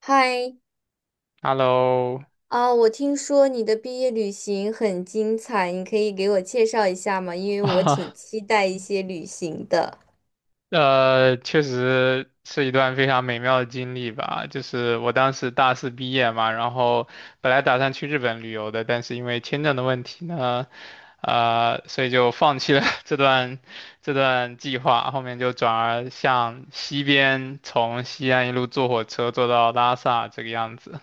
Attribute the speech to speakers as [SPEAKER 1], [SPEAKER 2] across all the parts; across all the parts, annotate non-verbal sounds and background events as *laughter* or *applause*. [SPEAKER 1] 嗨，
[SPEAKER 2] Hello，
[SPEAKER 1] 我听说你的毕业旅行很精彩，你可以给我介绍一下吗？因为我挺
[SPEAKER 2] 啊，
[SPEAKER 1] 期待一些旅行的。
[SPEAKER 2] *laughs* 确实是一段非常美妙的经历吧。就是我当时大四毕业嘛，然后本来打算去日本旅游的，但是因为签证的问题呢，所以就放弃了 *laughs* 这段计划。后面就转而向西边，从西安一路坐火车坐到拉萨这个样子。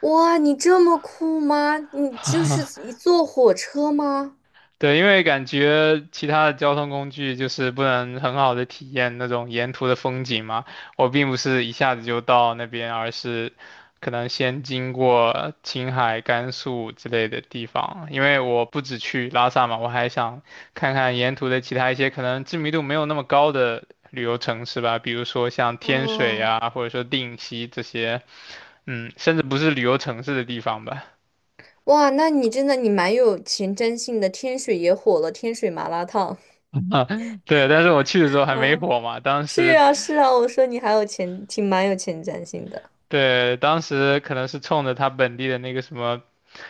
[SPEAKER 1] 哇，你这么酷吗？你就是一坐火车吗？
[SPEAKER 2] 对，因为感觉其他的交通工具就是不能很好的体验那种沿途的风景嘛。我并不是一下子就到那边，而是可能先经过青海、甘肃之类的地方。因为我不只去拉萨嘛，我还想看看沿途的其他一些可能知名度没有那么高的旅游城市吧，比如说像天水
[SPEAKER 1] 哦，
[SPEAKER 2] 啊，或者说定西这些，嗯，甚至不是旅游城市的地方吧。*laughs*
[SPEAKER 1] 哇，那你真的蛮有前瞻性的。天水也火了，天水麻辣烫。
[SPEAKER 2] 啊，对，但是我去的时候
[SPEAKER 1] *laughs*
[SPEAKER 2] 还没
[SPEAKER 1] 啊，
[SPEAKER 2] 火嘛，当
[SPEAKER 1] 是
[SPEAKER 2] 时。
[SPEAKER 1] 啊，是啊，我说你还有前，挺蛮有前瞻性的。
[SPEAKER 2] 对，当时可能是冲着他本地的那个什么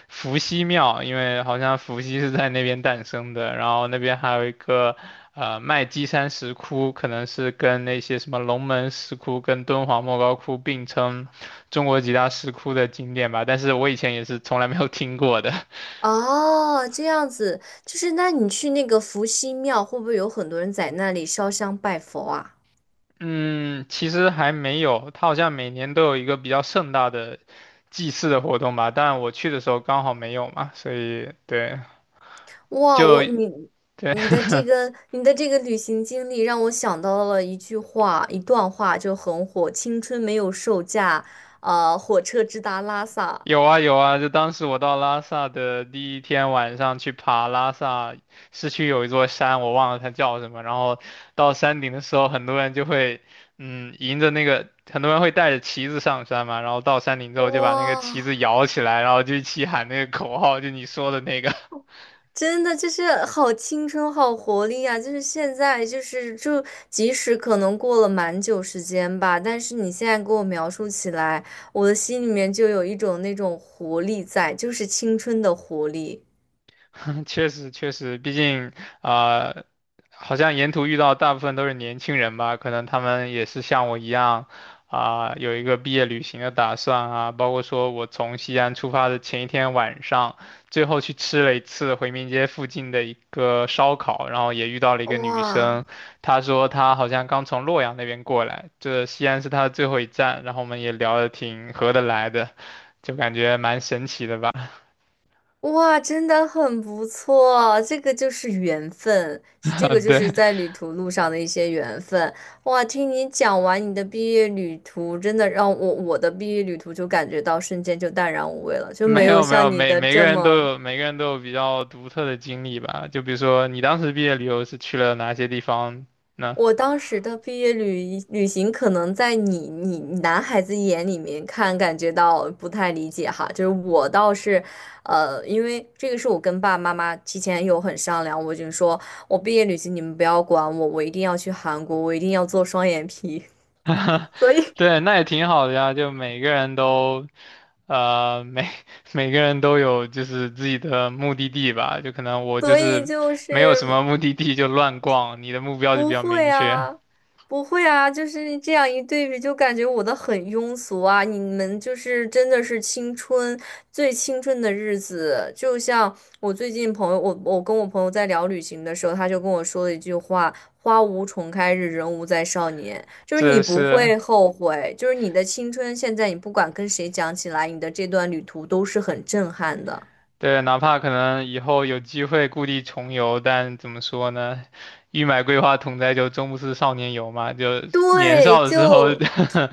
[SPEAKER 2] 伏羲庙，因为好像伏羲是在那边诞生的，然后那边还有一个麦积山石窟，可能是跟那些什么龙门石窟跟敦煌莫高窟并称中国几大石窟的景点吧，但是我以前也是从来没有听过的。*laughs*
[SPEAKER 1] 哦，这样子，就是那你去那个伏羲庙，会不会有很多人在那里烧香拜佛啊？
[SPEAKER 2] 嗯，其实还没有，他好像每年都有一个比较盛大的祭祀的活动吧，但我去的时候刚好没有嘛，所以对。就
[SPEAKER 1] 哇，我
[SPEAKER 2] 对。
[SPEAKER 1] 你你的这个旅行经历让我想到了一句话，一段话就很火：青春没有售价，啊，火车直达拉萨。
[SPEAKER 2] 有啊有啊，就当时我到拉萨的第一天晚上去爬拉萨市区有一座山，我忘了它叫什么。然后到山顶的时候，很多人会带着旗子上山嘛。然后到山顶之后，就把那个旗子
[SPEAKER 1] 哇，
[SPEAKER 2] 摇起来，然后就一起喊那个口号，就你说的那个。*laughs*
[SPEAKER 1] 真的就是好青春，好活力啊！就是现在，就是就即使可能过了蛮久时间吧，但是你现在给我描述起来，我的心里面就有一种那种活力在，就是青春的活力。
[SPEAKER 2] *laughs* 确实确实，毕竟啊、呃好像沿途遇到大部分都是年轻人吧，可能他们也是像我一样有一个毕业旅行的打算啊，包括说我从西安出发的前一天晚上，最后去吃了一次回民街附近的一个烧烤，然后也遇到了一个女
[SPEAKER 1] 哇。
[SPEAKER 2] 生，她说她好像刚从洛阳那边过来，这西安是她的最后一站，然后我们也聊得挺合得来的，就感觉蛮神奇的吧，
[SPEAKER 1] 哇，真的很不错，这个就是缘分，是这个
[SPEAKER 2] *laughs*
[SPEAKER 1] 就是
[SPEAKER 2] 对。
[SPEAKER 1] 在旅途路上的一些缘分。哇，听你讲完你的毕业旅途，真的让我的毕业旅途就感觉到瞬间就淡然无味了，
[SPEAKER 2] *laughs*
[SPEAKER 1] 就
[SPEAKER 2] 没
[SPEAKER 1] 没有
[SPEAKER 2] 有没
[SPEAKER 1] 像
[SPEAKER 2] 有，
[SPEAKER 1] 你
[SPEAKER 2] 每
[SPEAKER 1] 的
[SPEAKER 2] 每个
[SPEAKER 1] 这
[SPEAKER 2] 人都
[SPEAKER 1] 么。
[SPEAKER 2] 有每个人都有比较独特的经历吧。就比如说你当时毕业旅游是去了哪些地方呢？
[SPEAKER 1] 我当时的毕业旅行，可能在你男孩子眼里面看，感觉到不太理解哈。就是我倒是，因为这个是我跟爸爸妈妈提前有很商量，我就说我毕业旅行你们不要管我，我一定要去韩国，我一定要做双眼皮，*laughs* 所以
[SPEAKER 2] *laughs* 对，那也挺好的呀。就每个人都，呃，每 *laughs* 每个人都有就是自己的目的地吧。就可能我就
[SPEAKER 1] 所以
[SPEAKER 2] 是
[SPEAKER 1] 就
[SPEAKER 2] 没有什么
[SPEAKER 1] 是。
[SPEAKER 2] 目的地就乱逛，你的目标就比
[SPEAKER 1] 不
[SPEAKER 2] 较
[SPEAKER 1] 会
[SPEAKER 2] 明确。
[SPEAKER 1] 啊，不会啊，就是这样一对比，就感觉我的很庸俗啊。你们就是真的是青春最青春的日子，就像我最近朋友，我跟我朋友在聊旅行的时候，他就跟我说了一句话：“花无重开日，人无再少年。”就是你
[SPEAKER 2] 这
[SPEAKER 1] 不
[SPEAKER 2] 是
[SPEAKER 1] 会后悔，就是你的青春，现在你不管跟谁讲起来，你的这段旅途都是很震撼的。
[SPEAKER 2] 对，哪怕可能以后有机会故地重游，但怎么说呢？欲买桂花同载酒，终不似少年游嘛。就年
[SPEAKER 1] 对，
[SPEAKER 2] 少的时候，
[SPEAKER 1] 就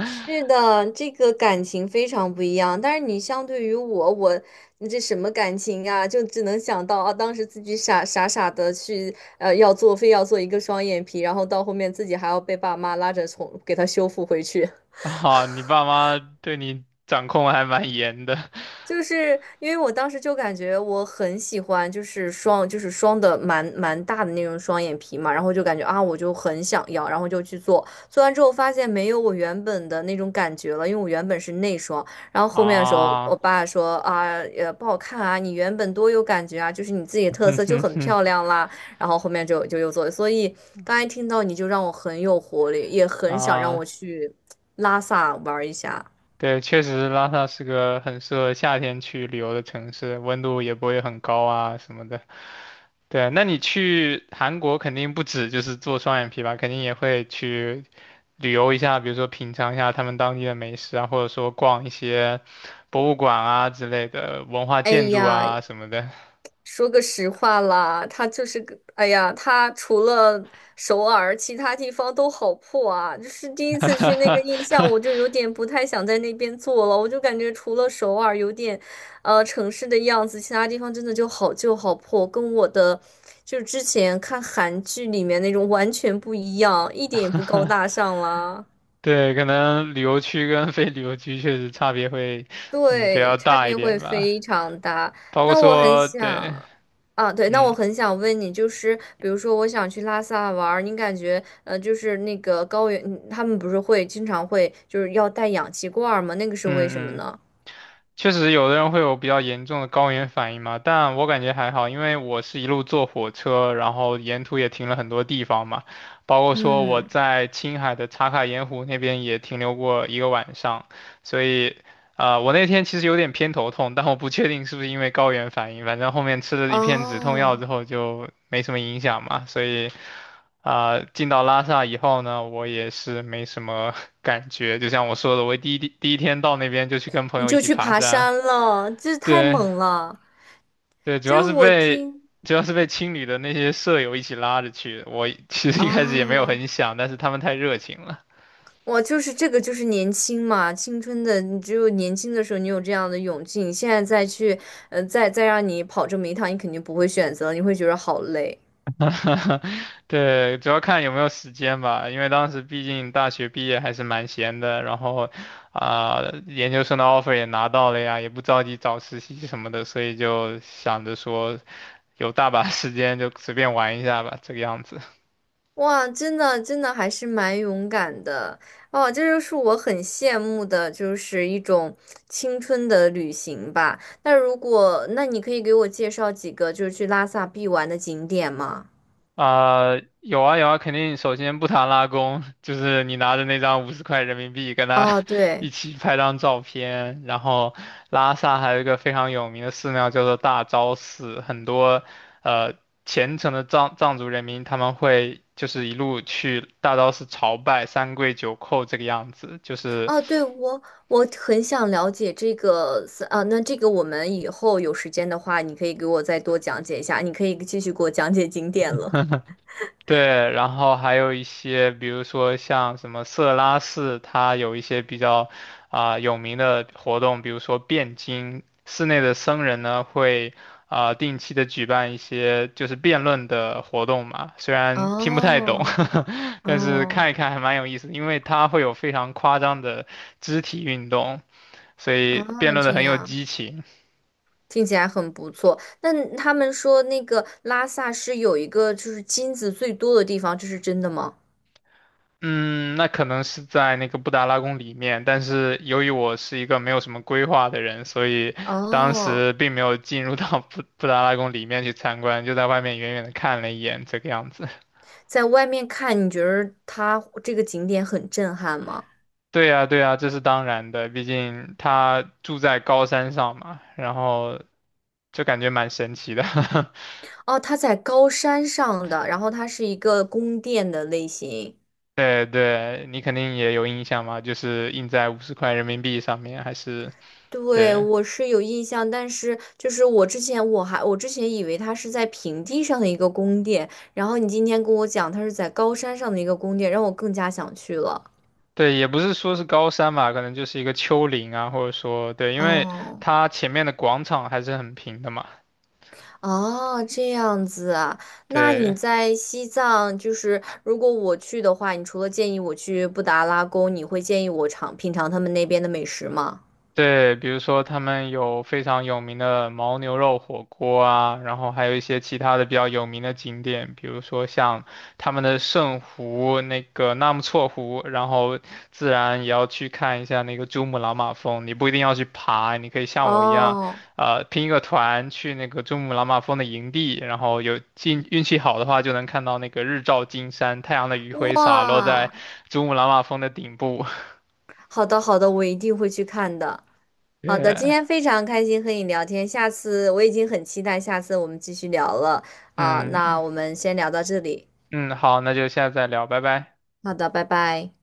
[SPEAKER 1] 是的，这个感情非常不一样。但是你相对于我，你这什么感情啊？就只能想到啊，当时自己傻傻的去要做，非要做一个双眼皮，然后到后面自己还要被爸妈拉着从给他修复回去。
[SPEAKER 2] *laughs* 啊，你爸妈对你掌控还蛮严的
[SPEAKER 1] 就是因为我当时就感觉我很喜欢，就是双，就是双的蛮大的那种双眼皮嘛，然后就感觉啊，我就很想要，然后就去做，做完之后发现没有我原本的那种感觉了，因为我原本是内双，然后后面的时候我
[SPEAKER 2] 啊，
[SPEAKER 1] 爸说啊，也不好看啊，你原本多有感觉啊，就是你自己的
[SPEAKER 2] *laughs*
[SPEAKER 1] 特
[SPEAKER 2] 哼
[SPEAKER 1] 色就
[SPEAKER 2] 哼
[SPEAKER 1] 很
[SPEAKER 2] 哼
[SPEAKER 1] 漂亮啦，然后后面就又做，所以刚才听到你就让我很有活力，也很想让我
[SPEAKER 2] 啊，
[SPEAKER 1] 去拉萨玩一下。
[SPEAKER 2] 对，确实拉萨是个很适合夏天去旅游的城市，温度也不会很高啊什么的。对，那你去韩国肯定不止就是做双眼皮吧，肯定也会去旅游一下，比如说品尝一下他们当地的美食啊，或者说逛一些博物馆啊之类的文化
[SPEAKER 1] 哎
[SPEAKER 2] 建筑
[SPEAKER 1] 呀，
[SPEAKER 2] 啊什么的。
[SPEAKER 1] 说个实话啦，他就是个，哎呀，他除了首尔，其他地方都好破啊。就是第一次去那个印象，我就有
[SPEAKER 2] *laughs*
[SPEAKER 1] 点不太想在那边做了。我就感觉除了首尔有点，城市的样子，其他地方真的就好旧好破，跟我的就是之前看韩剧里面那种完全不一样，一点也不高大上啦。
[SPEAKER 2] 对，可能旅游区跟非旅游区确实差别会比
[SPEAKER 1] 对，
[SPEAKER 2] 较
[SPEAKER 1] 差
[SPEAKER 2] 大一
[SPEAKER 1] 别会
[SPEAKER 2] 点吧，
[SPEAKER 1] 非常大。
[SPEAKER 2] 包括
[SPEAKER 1] 那我很
[SPEAKER 2] 说对，
[SPEAKER 1] 想，啊，对，那我
[SPEAKER 2] 嗯
[SPEAKER 1] 很想问你，就是比如说，我想去拉萨玩儿，你感觉，就是那个高原，嗯他们不是会经常会就是要带氧气罐儿吗？那个是为什么
[SPEAKER 2] 嗯嗯。
[SPEAKER 1] 呢？
[SPEAKER 2] 确实有的人会有比较严重的高原反应嘛，但我感觉还好，因为我是一路坐火车，然后沿途也停了很多地方嘛，包括说我
[SPEAKER 1] 嗯，
[SPEAKER 2] 在青海的茶卡盐湖那边也停留过一个晚上，所以，我那天其实有点偏头痛，但我不确定是不是因为高原反应，反正后面吃了一片止痛药
[SPEAKER 1] 哦，
[SPEAKER 2] 之后就没什么影响嘛，所以。进到拉萨以后呢，我也是没什么 *laughs* 感觉。就像我说的，我第一第第一天到那边就去跟朋
[SPEAKER 1] 你
[SPEAKER 2] 友一
[SPEAKER 1] 就
[SPEAKER 2] 起
[SPEAKER 1] 去
[SPEAKER 2] 爬
[SPEAKER 1] 爬
[SPEAKER 2] 山，
[SPEAKER 1] 山了，这太
[SPEAKER 2] 对
[SPEAKER 1] 猛了。
[SPEAKER 2] 对，
[SPEAKER 1] 就是我听，
[SPEAKER 2] 主要是被青旅的那些舍友一起拉着去的我 *laughs* 其实一开始也没有
[SPEAKER 1] 啊。
[SPEAKER 2] 很想，但是他们太热情了。
[SPEAKER 1] 哇，就是这个，就是年轻嘛，青春的，你只有年轻的时候，你有这样的勇气，你现在再去，再让你跑这么一趟，你肯定不会选择，你会觉得好累。
[SPEAKER 2] *laughs* 对，主要看有没有时间吧，因为当时毕竟大学毕业还是蛮闲的，然后啊、研究生的 offer 也拿到了呀，也不着急找实习什么的，所以就想着说有大把时间就随便玩一下吧，这个样子。
[SPEAKER 1] 哇，真的，真的还是蛮勇敢的哦，这就是我很羡慕的，就是一种青春的旅行吧。那如果，那你可以给我介绍几个就是去拉萨必玩的景点吗？
[SPEAKER 2] 啊、有啊有啊，肯定首先不谈拉弓，就是你拿着那张五十块人民币跟他
[SPEAKER 1] 哦，
[SPEAKER 2] *laughs* 一
[SPEAKER 1] 对。
[SPEAKER 2] 起拍张照片。然后拉萨还有一个非常有名的寺庙叫做大昭寺，很多呃虔诚的藏族人民他们会就是一路去大昭寺朝拜三跪九叩这个样子，就是
[SPEAKER 1] 啊，对，我很想了解这个是啊，那这个我们以后有时间的话，你可以给我再多讲解一下，你可以继续给我讲解景点了。
[SPEAKER 2] 对，然后还有一些，比如说像什么色拉寺，它有一些比较有名的活动，比如说辩经，寺内的僧人呢会定期的举办一些就是辩论的活动嘛，虽然听不太懂，
[SPEAKER 1] 哦
[SPEAKER 2] *laughs* 但是
[SPEAKER 1] 哦
[SPEAKER 2] 看一看还蛮有意思的因为它会有非常夸张的肢体运动，所
[SPEAKER 1] 哦，
[SPEAKER 2] 以辩论的
[SPEAKER 1] 这
[SPEAKER 2] 很有
[SPEAKER 1] 样
[SPEAKER 2] 激情。
[SPEAKER 1] 听起来很不错。那他们说那个拉萨是有一个就是金子最多的地方，这是真的吗？
[SPEAKER 2] 嗯，那可能是在那个布达拉宫里面，但是由于我是一个没有什么规划的人，所以当
[SPEAKER 1] 哦，
[SPEAKER 2] 时并没有进入到布达拉宫里面去参观，就在外面远远的看了一眼，这个样子。*laughs*
[SPEAKER 1] 在外面看，你觉得它这个景点很震撼吗？
[SPEAKER 2] 对呀，对呀，这是当然的，毕竟他住在高山上嘛，然后就感觉蛮神奇的。*laughs*
[SPEAKER 1] 哦，它在高山上的，然后它是一个宫殿的类型。
[SPEAKER 2] 对对，你肯定也有印象嘛，就是印在五十块人民币上面，还是
[SPEAKER 1] 对，
[SPEAKER 2] 对。
[SPEAKER 1] 我是有印象，但是就是我之前以为它是在平地上的一个宫殿，然后你今天跟我讲它是在高山上的一个宫殿，让我更加想去了。
[SPEAKER 2] 对，也不是说是高山吧，可能就是一个丘陵啊，或者说对，因为
[SPEAKER 1] 哦
[SPEAKER 2] 它前面的广场还是很平的嘛。
[SPEAKER 1] 哦，这样子啊，那你
[SPEAKER 2] 对，
[SPEAKER 1] 在西藏，就是如果我去的话，你除了建议我去布达拉宫，你会建议我品尝他们那边的美食吗？
[SPEAKER 2] 对，比如说他们有非常有名的牦牛肉火锅啊，然后还有一些其他的比较有名的景点，比如说像他们的圣湖、那个纳木错湖，然后自然也要去看一下那个珠穆朗玛峰。你不一定要去爬，你可以像我一样，
[SPEAKER 1] 哦，
[SPEAKER 2] 拼一个团去那个珠穆朗玛峰的营地，然后有运气好的话，就能看到那个日照金山，太阳的余晖洒落在
[SPEAKER 1] 哇。
[SPEAKER 2] 珠穆朗玛峰的顶部。
[SPEAKER 1] 好的，好的，我一定会去看的。
[SPEAKER 2] *laughs*
[SPEAKER 1] 好的，今
[SPEAKER 2] 对，
[SPEAKER 1] 天非常开心和你聊天，下次我已经很期待下次我们继续聊了啊，那
[SPEAKER 2] 嗯。
[SPEAKER 1] 我们先聊到这里，
[SPEAKER 2] 嗯，好，那就下次再聊，拜拜。
[SPEAKER 1] 好的，拜拜。